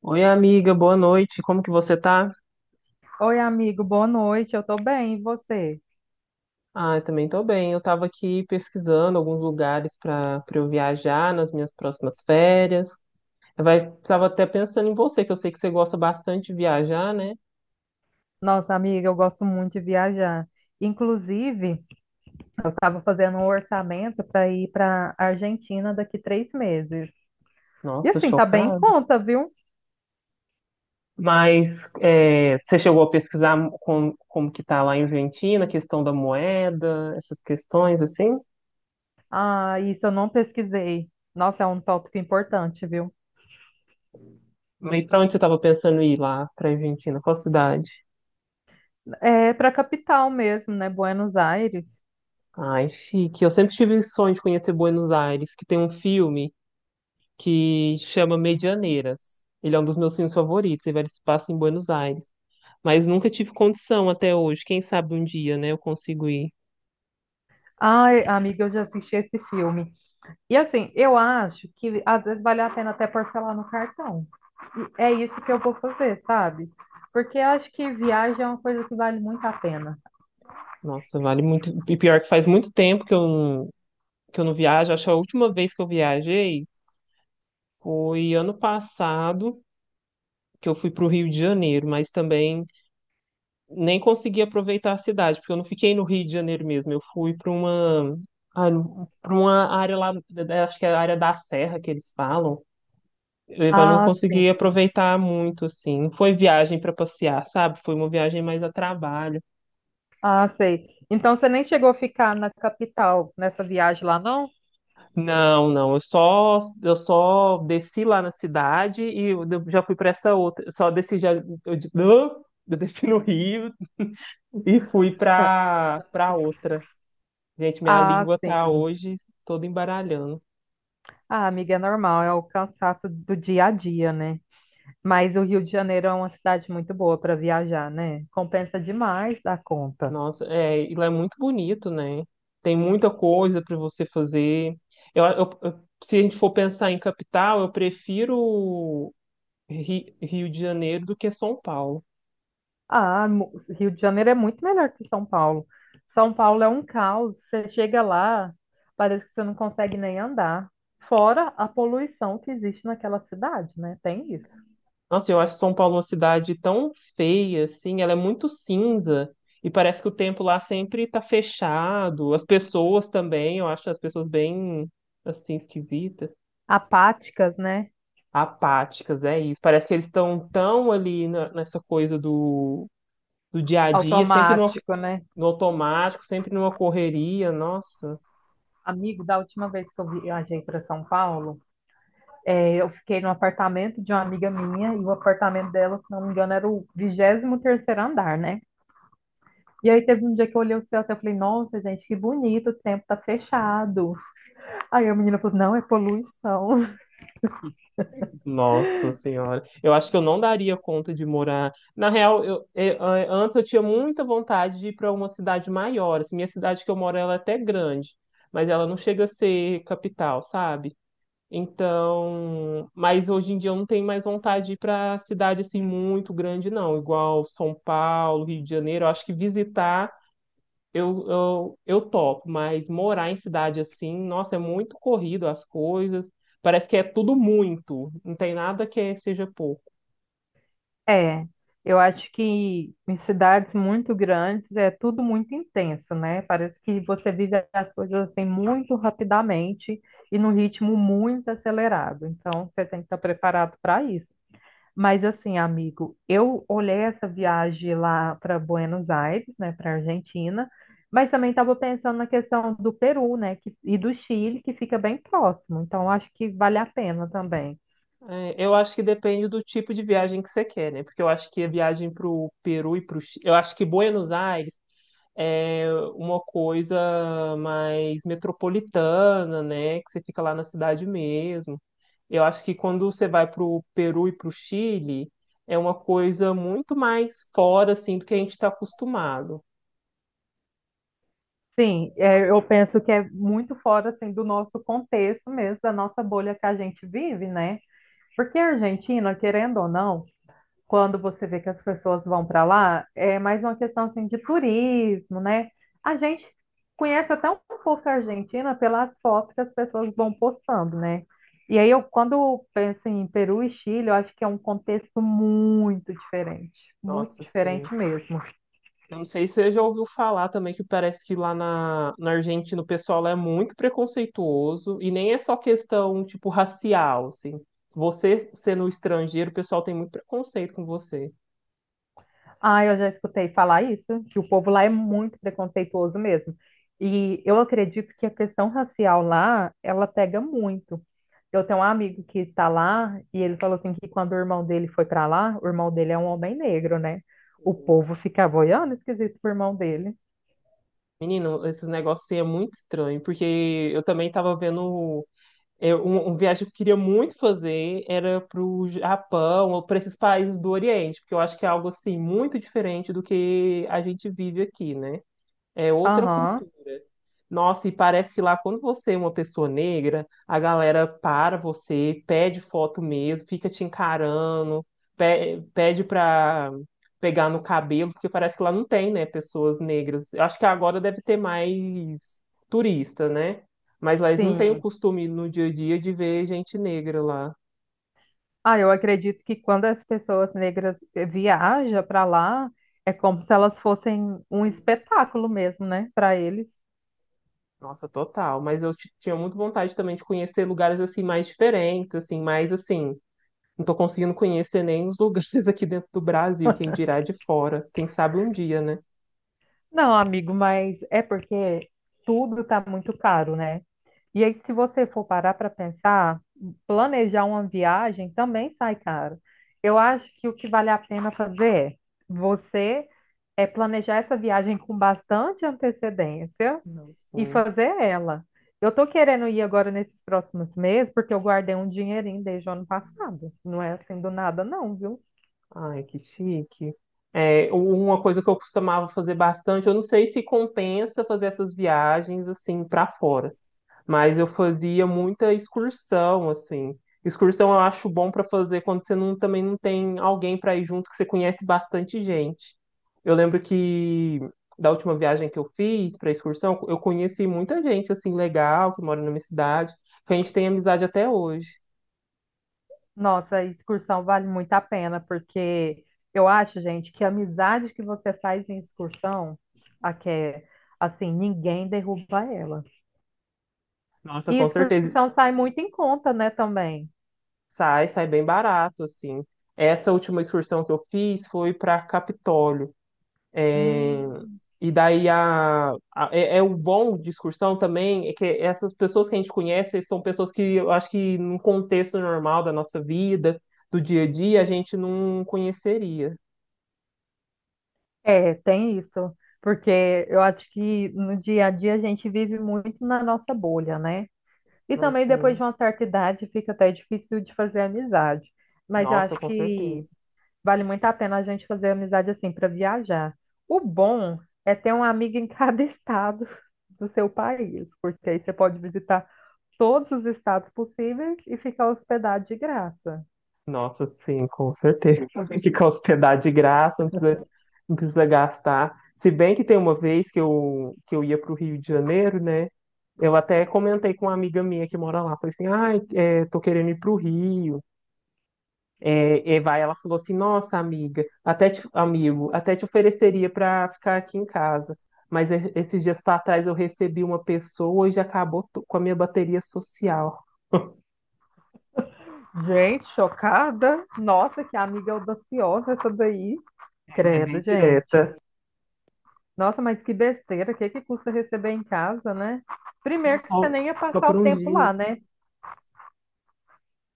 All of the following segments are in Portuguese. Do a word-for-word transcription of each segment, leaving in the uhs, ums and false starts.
Oi, amiga, boa noite. Como que você tá? Oi, amigo, boa noite. Eu tô bem, e você? Ah, eu também tô bem. Eu tava aqui pesquisando alguns lugares para para eu viajar nas minhas próximas férias. Eu vai, tava até pensando em você, que eu sei que você gosta bastante de viajar, né? Nossa, amiga, eu gosto muito de viajar. Inclusive, eu estava fazendo um orçamento para ir para Argentina daqui três meses. E Nossa, assim, tá bem em chocada. conta, viu? Mas é, você chegou a pesquisar como, como que tá lá em Argentina, a questão da moeda, essas questões assim? Ah, isso eu não pesquisei. Nossa, é um tópico importante, viu? E para onde você tava pensando em ir lá para Argentina? Qual cidade? É para capital mesmo, né? Buenos Aires. Ai, chique. Eu sempre tive o sonho de conhecer Buenos Aires, que tem um filme que chama Medianeiras. Ele é um dos meus filmes favoritos, ele se passa em Buenos Aires. Mas nunca tive condição até hoje. Quem sabe um dia, né, eu consigo ir. Ai, amiga, eu já assisti esse filme. E assim, eu acho que às vezes vale a pena até parcelar no cartão. E é isso que eu vou fazer, sabe? Porque eu acho que viagem é uma coisa que vale muito a pena. Nossa, vale muito. E pior que faz muito tempo que eu não, que eu não viajo. Acho que a última vez que eu viajei foi ano passado, que eu fui para o Rio de Janeiro, mas também nem consegui aproveitar a cidade, porque eu não fiquei no Rio de Janeiro mesmo. Eu fui para uma, para uma área lá, acho que é a área da Serra que eles falam. Mas não Ah, consegui sim. aproveitar muito, assim. Não foi viagem para passear, sabe? Foi uma viagem mais a trabalho. Ah, sei. Então você nem chegou a ficar na capital nessa viagem lá, não? Não, não. Eu só, eu só desci lá na cidade e eu já fui para essa outra. Eu só desci já, eu, de- eu desci no Rio e fui para para outra. Gente, minha Ah, língua tá sim. hoje toda embaralhando. Ah, amiga, é normal, é o cansaço do dia a dia, né? Mas o Rio de Janeiro é uma cidade muito boa para viajar, né? Compensa demais da conta. Nossa, é, e lá é muito bonito, né? Tem muita coisa para você fazer. Eu, eu- eu- se a gente for pensar em capital, eu prefiro Ri- Rio de Janeiro do que São Paulo. Ah, mu- Rio de Janeiro é muito melhor que São Paulo. São Paulo é um caos. Você chega lá, parece que você não consegue nem andar. Fora a poluição que existe naquela cidade, né? Tem isso. Nossa, eu acho São Paulo uma cidade tão feia, assim, ela é muito cinza e parece que o tempo lá sempre tá fechado. As pessoas também, eu acho as pessoas bem, assim, esquisitas, Apáticas, né? apáticas, é isso. Parece que eles estão tão ali na- nessa coisa do, do dia a dia, sempre no, Automático, né? no automático, sempre numa correria, nossa. Amigo, da última vez que eu viajei para São Paulo, é, eu fiquei no apartamento de uma amiga minha e o apartamento dela, se não me engano, era o vigésimo terceiro andar, né? E aí teve um dia que eu olhei o céu assim, eu falei, nossa, gente, que bonito, o tempo tá fechado. Aí a menina falou, não, é poluição. Nossa senhora, eu acho que eu não daria conta de morar. Na real, eu, eh, eh, antes eu tinha muita vontade de ir para uma cidade maior. Assim, minha cidade que eu moro, ela é até grande, mas ela não chega a ser capital, sabe? Então, mas hoje em dia eu não tenho mais vontade de ir para cidade assim muito grande, não. Igual São Paulo, Rio de Janeiro. Eu acho que visitar eu, eu, eu topo, mas morar em cidade assim, nossa, é muito corrido as coisas. Parece que é tudo muito, não tem nada que seja pouco. É, eu acho que em cidades muito grandes é tudo muito intenso, né? Parece que você vive as coisas assim muito rapidamente e num ritmo muito acelerado. Então, você tem que estar preparado para isso. Mas assim, amigo, eu olhei essa viagem lá para Buenos Aires, né, para Argentina, mas também estava pensando na questão do Peru, né, que- e do Chile, que fica bem próximo. Então, eu acho que vale a pena também. É, eu acho que depende do tipo de viagem que você quer, né? Porque eu acho que a viagem pro Peru e pro Chile, eu acho que Buenos Aires é uma coisa mais metropolitana, né? Que você fica lá na cidade mesmo. Eu acho que quando você vai para o Peru e para o Chile, é uma coisa muito mais fora, assim, do que a gente está acostumado. Sim, é, eu penso que é muito fora assim do nosso contexto mesmo, da nossa bolha que a gente vive, né? Porque a Argentina, querendo ou não, quando você vê que as pessoas vão para lá, é mais uma questão assim de turismo, né? A gente conhece até um pouco a Argentina pelas fotos que as pessoas vão postando, né? E aí eu quando penso em Peru e Chile, eu acho que é um contexto muito diferente, muito Nossa, sim. diferente mesmo. Eu não sei se você já ouviu falar também que parece que lá na, na Argentina o pessoal lá é muito preconceituoso e nem é só questão, tipo, racial, assim. Você sendo estrangeiro, o pessoal tem muito preconceito com você. Ah, eu já escutei falar isso, que o povo lá é muito preconceituoso mesmo. E eu acredito que a questão racial lá, ela pega muito. Eu tenho um amigo que está lá e ele falou assim que quando o irmão dele foi para lá, o irmão dele é um homem negro, né? O povo ficava olhando esquisito pro irmão dele. Menino, esses negócios aí é muito estranho, porque eu também tava vendo é, um, um viagem que eu queria muito fazer era pro Japão ou para esses países do Oriente, porque eu acho que é algo assim muito diferente do que a gente vive aqui, né? É outra Aham, cultura. Nossa, e parece que lá quando você é uma pessoa negra, a galera para você, pede foto mesmo, fica te encarando, pe- pede pra pegar no cabelo, porque parece que lá não tem, né, pessoas negras. Eu acho que agora deve ter mais turista, né? Mas lá eles não têm o sim. costume no dia a dia de ver gente negra lá. Ah, eu acredito que quando as pessoas negras eh, viajam para lá, é como se elas fossem um espetáculo mesmo, né, para eles. Nossa, total. Mas eu ti- tinha muito vontade também de conhecer lugares assim mais diferentes, assim, mais assim. Não tô conseguindo conhecer nem os lugares aqui dentro do Brasil, quem dirá de fora. Quem sabe um dia, né? Não, amigo, mas é porque tudo está muito caro, né? E aí, se você for parar para pensar, planejar uma viagem também sai caro. Eu acho que o que vale a pena fazer é você é planejar essa viagem com bastante antecedência Não, e sim. fazer ela. Eu tô querendo ir agora nesses próximos meses porque eu guardei um dinheirinho desde o ano passado. Não é assim do nada, não, viu? Ai, que chique. É, uma coisa que eu costumava fazer bastante, eu não sei se compensa fazer essas viagens assim para fora. Mas eu fazia muita excursão, assim. Excursão eu acho bom para fazer quando você não, também não tem alguém para ir junto, que você conhece bastante gente. Eu lembro que da última viagem que eu fiz para excursão, eu conheci muita gente assim legal que mora na minha cidade, que a gente tem amizade até hoje. Nossa, a excursão vale muito a pena, porque eu acho, gente, que a amizade que você faz em excursão, a que é, assim, ninguém derruba ela. Nossa, E com certeza excursão sai muito em conta, né, também. sai, sai bem barato assim. Essa última excursão que eu fiz foi para Capitólio. Hum. E daí a, a- é, é o bom de excursão também é que essas pessoas que a gente conhece são pessoas que eu acho que num contexto normal da nossa vida, do dia a dia, a gente não conheceria. É, tem isso, porque eu acho que no dia a dia a gente vive muito na nossa bolha, né? E também depois Nossa, de uma certa idade fica até difícil de fazer amizade. Mas eu nossa, acho com certeza. que vale muito a pena a gente fazer amizade assim para viajar. O bom é ter um amigo em cada estado do seu país, porque aí você pode visitar todos os estados possíveis e ficar hospedado de graça. Nossa, sim, com certeza. Ficar hospedado de graça, não precisa, não precisa gastar. Se bem que tem uma vez que eu, que eu ia para o Rio de Janeiro, né? Eu até comentei com uma amiga minha que mora lá. Falei assim, ai, ah, tô querendo ir para o Rio. É, e vai, ela falou assim: Nossa, amiga, até te- amigo, até te ofereceria para ficar aqui em casa. Mas e- esses dias para trás eu recebi uma pessoa e já acabou to- com a minha bateria social. Gente, chocada. Nossa, que amiga audaciosa essa daí. É bem Credo, gente. direta. Nossa, mas que besteira. O que que custa receber em casa, né? Primeiro que você Só, nem ia só passar por o uns tempo lá, dias. né?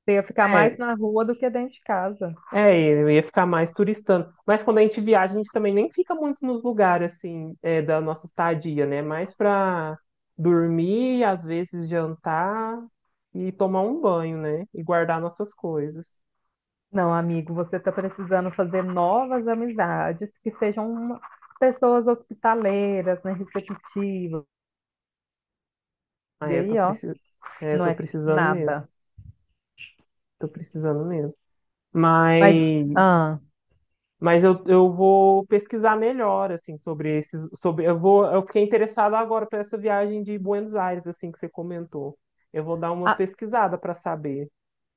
Você ia ficar mais É, na rua do que dentro de casa. é, eu ia ficar mais turistando. Mas quando a gente viaja, a gente também nem fica muito nos lugares assim, é, da nossa estadia, né? Mais para dormir, às vezes jantar e tomar um banho, né? E guardar nossas coisas. Não, amigo, você está precisando fazer novas amizades que sejam uma- pessoas hospitaleiras, né, receptivas. E Aí eu tô aí, ó, precisando, eu não tô é precisando mesmo. nada. Tô precisando mesmo. Mas, Mas, ah, mas eu, eu vou pesquisar melhor, assim, sobre esses, sobre, eu vou, eu fiquei interessado agora para essa viagem de Buenos Aires, assim, que você comentou. Eu vou dar uma a- pesquisada para saber.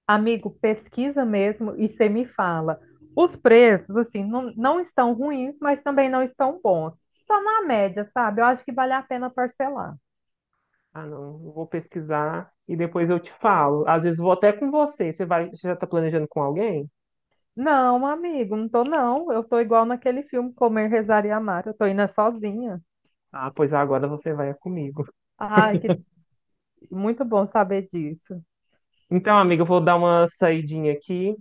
amigo, pesquisa mesmo e você me fala. Os preços, assim, não, não estão ruins, mas também não estão bons. Está na média, sabe? Eu acho que vale a pena parcelar. Ah, não, eu vou pesquisar e depois eu te falo. Às vezes vou até com você. Você vai, já tá planejando com alguém? Não, amigo, não tô não. Eu tô igual naquele filme Comer, Rezar e Amar. Eu tô indo é sozinha. Ah, pois agora você vai comigo. Ai, que muito bom saber disso. Então, amiga, eu vou dar uma saidinha aqui,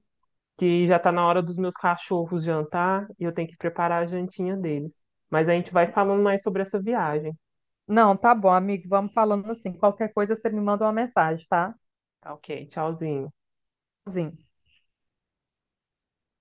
que já tá na hora dos meus cachorros jantar e eu tenho que preparar a jantinha deles. Mas a gente vai falando mais sobre essa viagem. Não, tá bom, amigo. Vamos falando assim. Qualquer coisa você me manda uma mensagem, tá? Tá ok, tchauzinho. Sim.